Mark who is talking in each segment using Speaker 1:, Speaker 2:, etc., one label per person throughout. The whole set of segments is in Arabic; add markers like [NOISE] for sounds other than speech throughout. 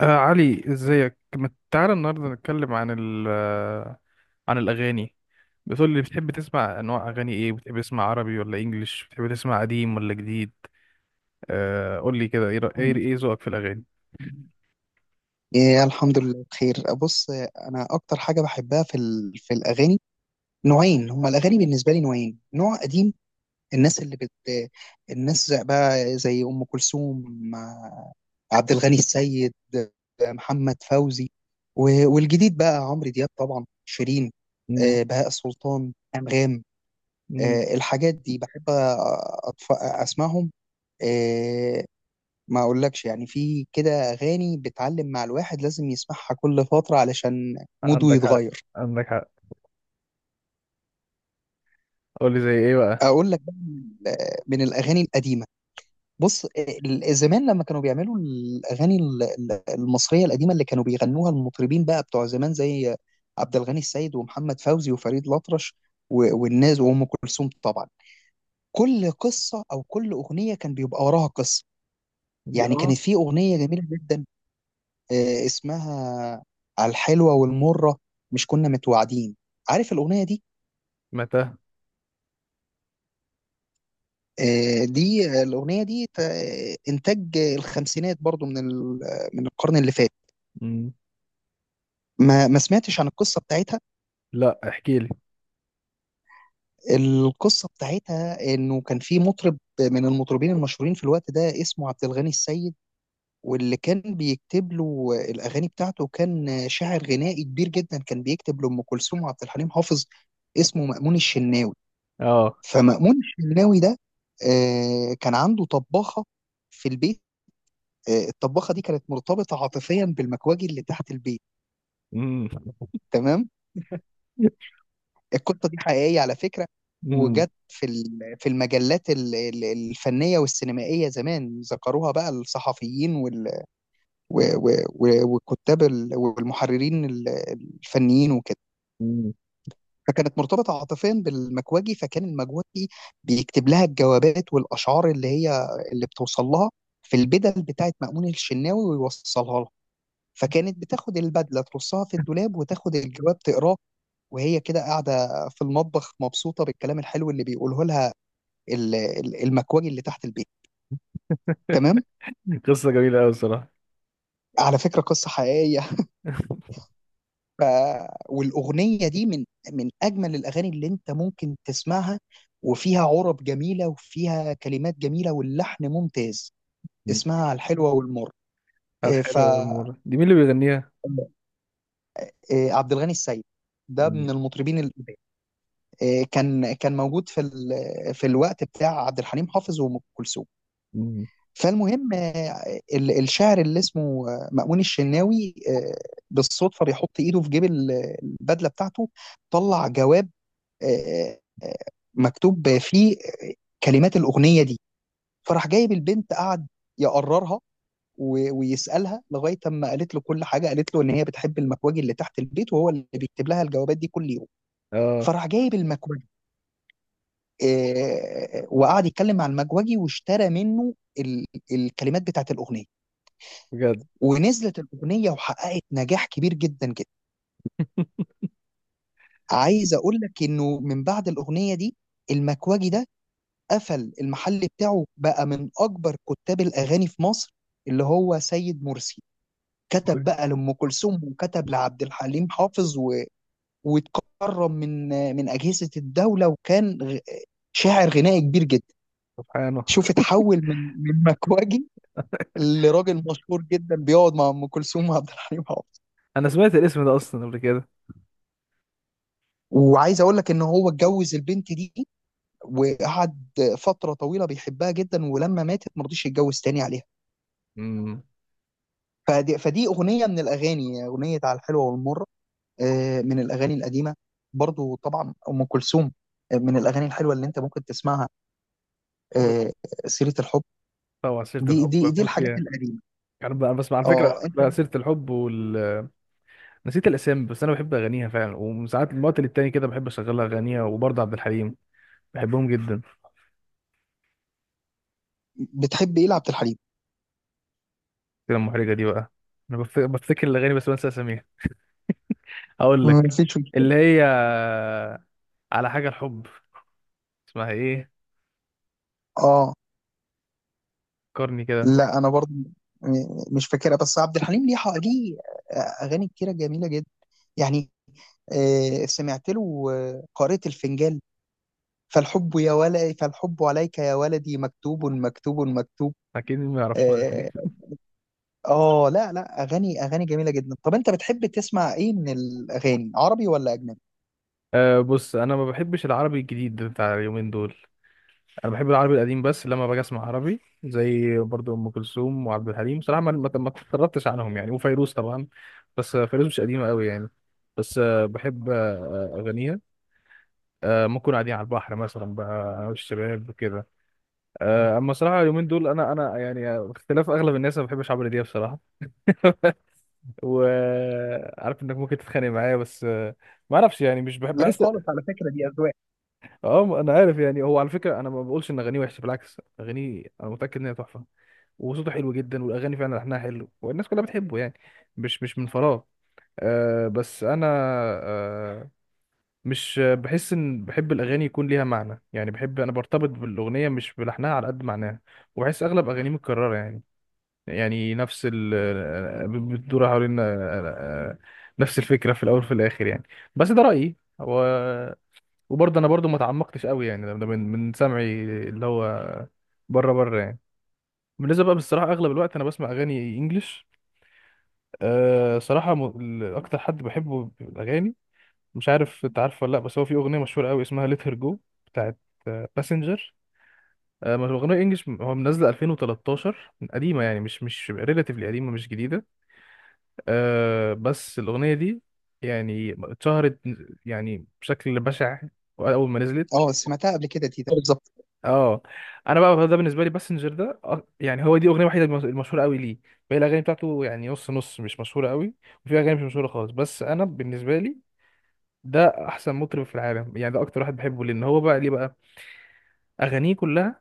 Speaker 1: علي ازيك؟ ما تعالى النهارده نتكلم عن ال آه، عن الاغاني. بتقول لي بتحب تسمع انواع اغاني ايه؟ بتحب تسمع عربي ولا انجليش؟ بتحب تسمع قديم ولا جديد؟ قول لي كده، ايه رأ- ايه إيه ذوقك في الاغاني؟
Speaker 2: إيه، الحمد لله بخير. بص، انا اكتر حاجه بحبها في في الاغاني نوعين، هما الاغاني بالنسبه لي نوعين، نوع قديم. الناس اللي بت بقى زي ام كلثوم، آه، عبد الغني السيد، محمد فوزي. والجديد بقى عمرو دياب، طبعا شيرين،
Speaker 1: مم.
Speaker 2: بهاء سلطان، انغام.
Speaker 1: مم.
Speaker 2: الحاجات دي بحب اسمعهم. آه، ما اقولكش، يعني في كده اغاني بتعلم مع الواحد لازم يسمعها كل فتره علشان موده
Speaker 1: عندك حق،
Speaker 2: يتغير.
Speaker 1: عندك حق. قول لي زي ايه بقى.
Speaker 2: اقول لك بقى من الاغاني القديمه، بص، زمان لما كانوا بيعملوا الاغاني المصريه القديمه اللي كانوا بيغنوها المطربين بقى بتوع زمان، زي عبد الغني السيد ومحمد فوزي وفريد الأطرش، والناس وام كلثوم طبعا، كل قصه او كل اغنيه كان بيبقى وراها قصه.
Speaker 1: دي
Speaker 2: يعني
Speaker 1: اه.
Speaker 2: كانت في اغنيه جميله جدا اسمها على الحلوه والمره، مش كنا متوعدين. عارف الاغنيه دي؟
Speaker 1: متى؟
Speaker 2: دي الاغنيه دي انتاج الخمسينات، برضو من من القرن اللي فات.
Speaker 1: مم.
Speaker 2: ما سمعتش عن القصة بتاعتها؟
Speaker 1: لا، احكي لي.
Speaker 2: القصة بتاعتها انه كان في مطرب من المطربين المشهورين في الوقت ده، اسمه عبد الغني السيد، واللي كان بيكتب له الاغاني بتاعته كان شاعر غنائي كبير جدا، كان بيكتب لأم كلثوم وعبد الحليم حافظ، اسمه مأمون الشناوي.
Speaker 1: اه.
Speaker 2: فمأمون الشناوي ده كان عنده طباخة في البيت. الطباخة دي كانت مرتبطة عاطفيا بالمكواجي اللي تحت البيت.
Speaker 1: مم.
Speaker 2: تمام. القصه دي حقيقيه على فكره،
Speaker 1: مم.
Speaker 2: وجت في في المجلات الفنيه والسينمائيه زمان، ذكروها بقى الصحفيين والكتاب والمحررين الفنيين وكده.
Speaker 1: مم.
Speaker 2: فكانت مرتبطه عاطفيا بالمكواجي، فكان المكواجي بيكتب لها الجوابات والاشعار اللي هي اللي بتوصل لها في البدل بتاعت مأمون الشناوي ويوصلها لها. فكانت بتاخد البدله ترصها في الدولاب وتاخد الجواب تقراه، وهي كده قاعدة في المطبخ مبسوطة بالكلام الحلو اللي بيقوله لها المكواجي اللي تحت البيت. تمام.
Speaker 1: [LAUGHS] قصه جميله قوي الصراحه.
Speaker 2: على فكرة قصة حقيقية. ف... والأغنية دي من أجمل الأغاني اللي أنت ممكن تسمعها، وفيها عرب جميلة وفيها كلمات جميلة واللحن ممتاز.
Speaker 1: مم.
Speaker 2: اسمها الحلوة والمر. إيه، ف
Speaker 1: الحلوه والمره دي مين اللي بيغنيها؟
Speaker 2: إيه، عبد الغني السيد، ده
Speaker 1: مم.
Speaker 2: من المطربين القدام. إيه، كان موجود في في الوقت بتاع عبد الحليم حافظ وأم كلثوم.
Speaker 1: مم.
Speaker 2: فالمهم الشاعر اللي اسمه مأمون الشناوي بالصدفة بيحط إيده في جيب البدلة بتاعته، طلع جواب آه، آه، مكتوب فيه كلمات الأغنية دي. فراح جايب البنت، قعد يقررها ويسألها لغاية أما قالت له كل حاجة، قالت له إن هي بتحب المكواجي اللي تحت البيت، وهو اللي بيكتب لها الجوابات دي كل يوم.
Speaker 1: اه،
Speaker 2: فراح جايب المكواجي آه، وقعد يتكلم مع المكواجي واشترى منه ال- الكلمات بتاعت الأغنية.
Speaker 1: بجد؟
Speaker 2: ونزلت الاغنيه وحققت نجاح كبير جدا جدا. عايز اقول لك انه من بعد الاغنيه دي، المكواجي ده قفل المحل بتاعه، بقى من اكبر كتاب الاغاني في مصر، اللي هو سيد مرسي. كتب بقى لام كلثوم وكتب لعبد الحليم حافظ واتكرم من اجهزه الدوله، وكان شاعر غنائي كبير جدا.
Speaker 1: سبحانه.
Speaker 2: شوف، اتحول من مكواجي لراجل مشهور جدا بيقعد مع ام كلثوم وعبد الحليم حافظ.
Speaker 1: انا سمعت الاسم ده اصلا قبل كده.
Speaker 2: وعايز اقول لك ان هو اتجوز البنت دي، وقعد فترة طويلة بيحبها جدا، ولما ماتت ما رضيش يتجوز تاني عليها.
Speaker 1: امم.
Speaker 2: فدي أغنية من الأغاني، أغنية على الحلوة والمرة، من الأغاني القديمة. برضو طبعا أم كلثوم، من الأغاني الحلوة اللي أنت ممكن تسمعها،
Speaker 1: بس
Speaker 2: آه، سيرة الحب.
Speaker 1: طبعا عصيرة
Speaker 2: دي
Speaker 1: الحب
Speaker 2: دي دي
Speaker 1: بموت
Speaker 2: الحاجات
Speaker 1: فيها.
Speaker 2: القديمة.
Speaker 1: انا بسمع على فكره
Speaker 2: اه، أنت
Speaker 1: عصيرة الحب وال... نسيت الاسامي، بس انا بحب اغانيها فعلا، وساعات من وقت للتاني كده بحب اشغلها اغانيها، وبرضه عبد الحليم، بحبهم جدا.
Speaker 2: بتحب إيه لعبد الحليم؟
Speaker 1: كده المحرجه دي بقى. انا بفتكر الاغاني بس بنسى اساميها. اقول لك،
Speaker 2: مفيش مشكلة.
Speaker 1: اللي هي على حاجه الحب. اسمها ايه؟
Speaker 2: اه،
Speaker 1: فكرني كده.
Speaker 2: لا، أنا برضو مش فاكرها، بس عبد الحليم ليه ليه أغاني كتيرة جميلة جدا، يعني سمعت له قارئة الفنجان: فالحب يا ولدي، فالحب عليك يا ولدي مكتوب، مكتوب، مكتوب.
Speaker 1: اكيد ما يعرفهاش دي.
Speaker 2: اه. لا لا، اغاني جميله جدا. طب انت بتحب تسمع ايه من الاغاني، عربي ولا اجنبي؟
Speaker 1: أه بص، انا ما بحبش العربي الجديد بتاع اليومين دول. انا بحب العربي القديم. بس لما باجي اسمع عربي زي برضو ام كلثوم وعبد الحليم، بصراحه ما اتطربتش عنهم يعني. وفيروز طبعا، بس فيروز مش قديمه قوي يعني. بس بحب اغانيها. آه، ممكن قاعدين على البحر مثلا بقى أنا والشباب كده. آه، اما صراحه اليومين دول، انا يعني باختلاف اغلب الناس ما بحبش عمرو دياب بصراحه. وعارف انك ممكن تتخانق معايا، بس ما اعرفش يعني، مش بحب،
Speaker 2: لا
Speaker 1: بحس.
Speaker 2: خالص، على فكرة دي أذواق.
Speaker 1: اه انا عارف يعني. هو على فكره انا ما بقولش ان اغانيه وحشه، بالعكس اغانيه انا متاكد ان هي تحفه، وصوته حلو جدا، والاغاني فعلا لحنها حلو، والناس كلها بتحبه يعني، مش من فراغ. آه بس انا، آه، مش بحس. ان بحب الاغاني يكون ليها معنى يعني، بحب انا برتبط بالاغنيه مش بلحنها، على قد معناها. وبحس اغلب اغانيه متكرره يعني، يعني نفس ال آه، آه، بتدور حوالين آه، نفس الفكره في الاول وفي الاخر يعني. بس ده رايي هو. وبرضه انا برضه ما تعمقتش قوي يعني، ده ده من من سمعي، اللي هو بره بره يعني. بالنسبه بقى بصراحه، اغلب الوقت انا بسمع اغاني انجلش. أه صراحة، أكتر حد بحبه في الأغاني، مش عارف أنت عارفه ولا لأ، بس هو في أغنية مشهورة أوي اسمها Let Her Go بتاعت باسنجر. أه ما هو أغنية إنجلش، هو منزلة 2013، قديمة يعني، مش ريلاتيفلي قديمة، مش جديدة. أه بس الأغنية دي يعني اتشهرت يعني بشكل بشع أول ما نزلت.
Speaker 2: اه، سمعتها قبل كده تيتا بالظبط.
Speaker 1: اه انا بقى ده بالنسبه لي باسنجر ده يعني هو دي اغنيه وحيده المشهوره قوي ليه، باقي الاغاني بتاعته يعني نص نص، مش مشهوره قوي، وفي اغاني مش مشهوره خالص. بس انا بالنسبه لي ده احسن مطرب في العالم يعني، ده اكتر واحد بحبه. لان هو بقى ليه بقى اغانيه كلها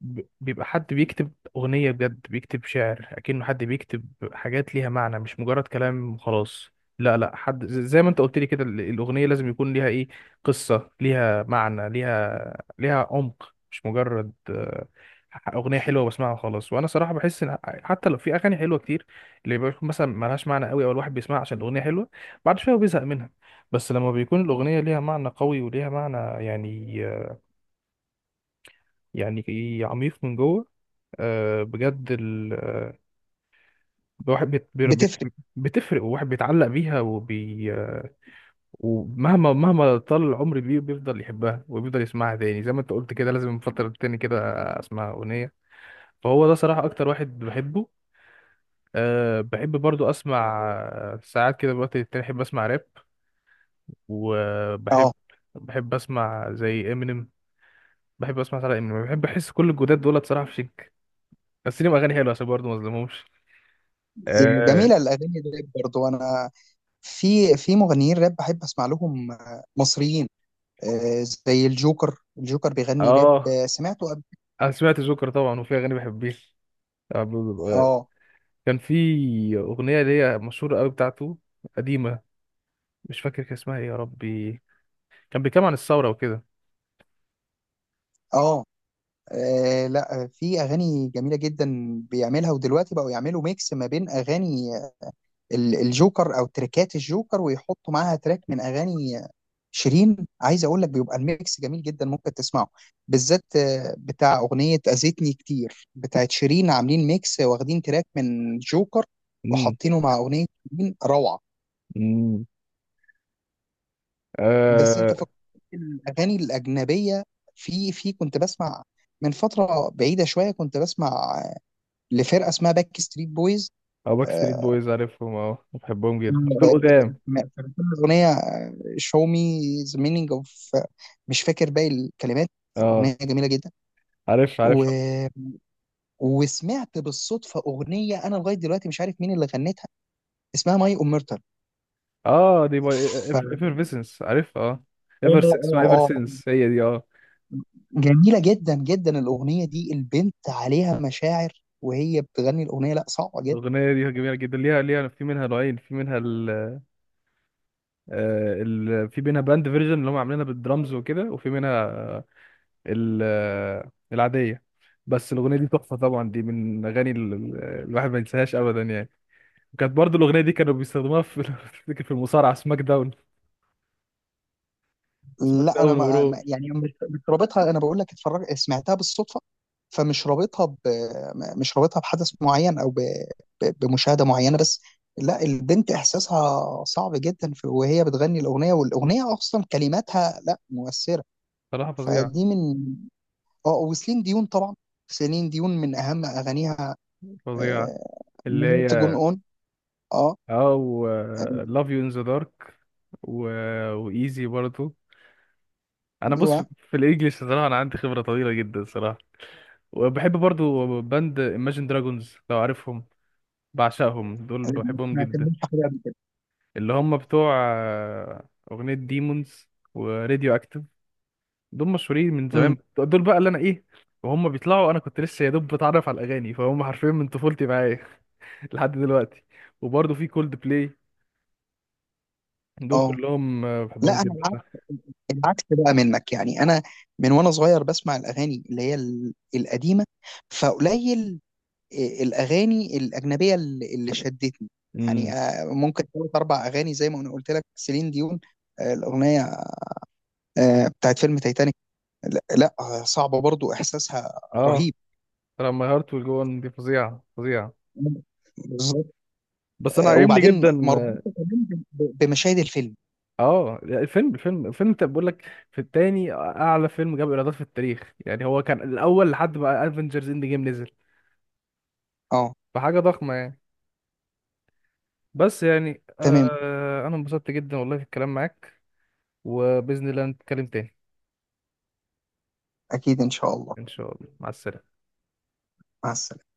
Speaker 1: بيبقى حد بيكتب أغنية بجد، بيكتب شعر أكنه حد بيكتب حاجات ليها معنى، مش مجرد كلام وخلاص. لا حد زي ما انت قلت لي كده، الأغنية لازم يكون ليها ايه، قصة، ليها معنى، ليها عمق، مش مجرد أغنية حلوة بسمعها وخلاص. وأنا صراحة بحس إن حتى لو في أغاني حلوة كتير، اللي بيكون مثلا ملهاش معنى قوي، أو الواحد بيسمعها عشان الأغنية حلوة، بعد شوية هو بيزهق منها. بس لما بيكون الأغنية ليها معنى قوي وليها معنى يعني، يعني عميق من جوه، بجد الواحد
Speaker 2: بتفرق.
Speaker 1: بتفرق، والواحد بيتعلق بيها وبي ومهما طال العمر بيه بيفضل يحبها، وبيفضل يسمعها تاني، زي ما انت قلت كده لازم من فترة تاني كده اسمع أغنية. فهو ده صراحة أكتر واحد بحبه. أه بحب برضو أسمع ساعات كده الوقت التاني بحب أسمع راب. وبحب،
Speaker 2: اه،
Speaker 1: بحب أسمع زي إمينيم. بحب أسمع ساعات إمينيم. بحب أحس كل الجداد دول صراحة في شك، بس ليهم أغاني حلوة عشان برضو مظلمهمش. اه
Speaker 2: جميله الاغاني الراب برضو. انا في مغنيين راب بحب اسمع لهم مصريين، زي الجوكر. الجوكر بيغني راب
Speaker 1: آه،
Speaker 2: سمعته قبل.
Speaker 1: انا سمعت جوكر طبعا، وفي اغاني بحبيش. آه، ب- ب- ب-
Speaker 2: اه،
Speaker 1: كان في اغنيه ليا مشهوره قوي بتاعته، قديمه، مش فاكر كان اسمها ايه يا ربي. كان بيتكلم عن الثوره وكده.
Speaker 2: اه. آه، لا، في اغاني جميله جدا بيعملها، ودلوقتي بقوا يعملوا ميكس ما بين اغاني الجوكر او تريكات الجوكر، ويحطوا معاها تراك من اغاني شيرين. عايز اقول لك بيبقى الميكس جميل جدا، ممكن تسمعه، بالذات بتاع اغنيه اذيتني كتير بتاعت شيرين. عاملين ميكس واخدين تراك من جوكر
Speaker 1: امم.
Speaker 2: وحاطينه مع اغنيه شيرين، روعه.
Speaker 1: امم.
Speaker 2: بس انت
Speaker 1: اه.
Speaker 2: فكرت الاغاني الاجنبيه، في كنت بسمع، من فتره بعيده شويه كنت بسمع لفرقه اسمها باك ستريت بويز.
Speaker 1: او باك ستريت
Speaker 2: آه،
Speaker 1: بويز، عارفهم، اه بحبهم جدا بس دول قدام.
Speaker 2: م- الاغنيه شو مي ذا مينينج اوف، مش فاكر باقي الكلمات.
Speaker 1: اه.
Speaker 2: الاغنيه جميله جدا.
Speaker 1: عارف، عارف.
Speaker 2: و... وسمعت بالصدفه اغنيه انا لغايه دلوقتي مش عارف مين اللي غنتها، اسمها ماي اومرتال.
Speaker 1: اه دي باي
Speaker 2: ف اه
Speaker 1: ايفرفيسنس، عارف، اه.
Speaker 2: اه.
Speaker 1: ايفر، اسمها ايفر سينس، هي دي، اه.
Speaker 2: جميله جدا جدا الاغنيه دي. البنت عليها مشاعر وهي بتغني الاغنيه، لا صعبه جدا.
Speaker 1: الاغنيه دي جميله جدا. ليها في منها نوعين، في منها في منها باند فيرجن اللي هم عاملينها بالدرامز وكده، وفي منها العادية. بس الأغنية دي تحفة طبعا، دي من الأغاني الواحد ما ينساهاش أبدا يعني. وكانت برضو الأغنية دي كانوا بيستخدموها في [LAUGHS] افتكر في المصارعة سماك داون. سماك
Speaker 2: لا انا
Speaker 1: داون ورو.
Speaker 2: يعني مش رابطها، انا بقول لك اتفرج، سمعتها بالصدفه، فمش رابطها مش رابطها بحدث معين او بمشاهده معينه بس. لا البنت احساسها صعب جدا وهي بتغني الاغنيه، والاغنيه اصلا كلماتها لا مؤثره.
Speaker 1: صراحة فظيعة،
Speaker 2: فدي من، اه، وسيلين ديون طبعا. سيلين ديون من اهم اغانيها
Speaker 1: فظيعة.
Speaker 2: آه...
Speaker 1: اللي
Speaker 2: تجون
Speaker 1: هي
Speaker 2: اون. اه.
Speaker 1: اه و
Speaker 2: آه،
Speaker 1: لاف يو ان ذا دارك، و وايزي برضو. انا بص،
Speaker 2: ايوه.
Speaker 1: في في الانجليش صراحة انا عندي خبرة طويلة جدا صراحة. وبحب برضو باند Imagine Dragons لو عارفهم، بعشقهم دول،
Speaker 2: آه،
Speaker 1: بحبهم
Speaker 2: ما
Speaker 1: جدا.
Speaker 2: سمعتش حاجه قبل كده.
Speaker 1: اللي هم بتوع أغنية ديمونز وراديو أكتف. دول مشهورين من زمان،
Speaker 2: امم.
Speaker 1: دول بقى اللي أنا إيه، وهم بيطلعوا أنا كنت لسه يا دوب بتعرف على الأغاني، فهم حرفيا من طفولتي معايا [LAUGHS] لحد دلوقتي. وبرضه في كولد بلاي. دول
Speaker 2: اه.
Speaker 1: كلهم بحبهم
Speaker 2: لا انا
Speaker 1: جدا، صح.
Speaker 2: العكس بقى منك، يعني انا من وانا صغير بسمع الاغاني اللي هي القديمه. فقليل الاغاني الاجنبيه اللي شدتني، يعني
Speaker 1: امم.
Speaker 2: ممكن ثلاث اربع اغاني زي ما انا قلت لك، سيلين ديون الاغنيه بتاعت فيلم تايتانيك. لا لا، صعبه برضو احساسها،
Speaker 1: اه
Speaker 2: رهيب.
Speaker 1: لما هارت والجون دي فظيعة، فظيعة،
Speaker 2: بالظبط.
Speaker 1: بس أنا عاجبني
Speaker 2: وبعدين
Speaker 1: جدا.
Speaker 2: مربوطه كمان بمشاهد الفيلم.
Speaker 1: اه الفيلم، الفيلم انت بقول لك في التاني اعلى فيلم جاب ايرادات في التاريخ يعني، هو كان الاول لحد ما افنجرز اند جيم نزل.
Speaker 2: اه.
Speaker 1: فحاجه ضخمه يعني. بس يعني
Speaker 2: تمام.
Speaker 1: آه انا انبسطت جدا والله في الكلام معاك. وباذن الله نتكلم تاني.
Speaker 2: اكيد ان شاء الله.
Speaker 1: ان شاء الله، مع السلامه.
Speaker 2: مع السلامه.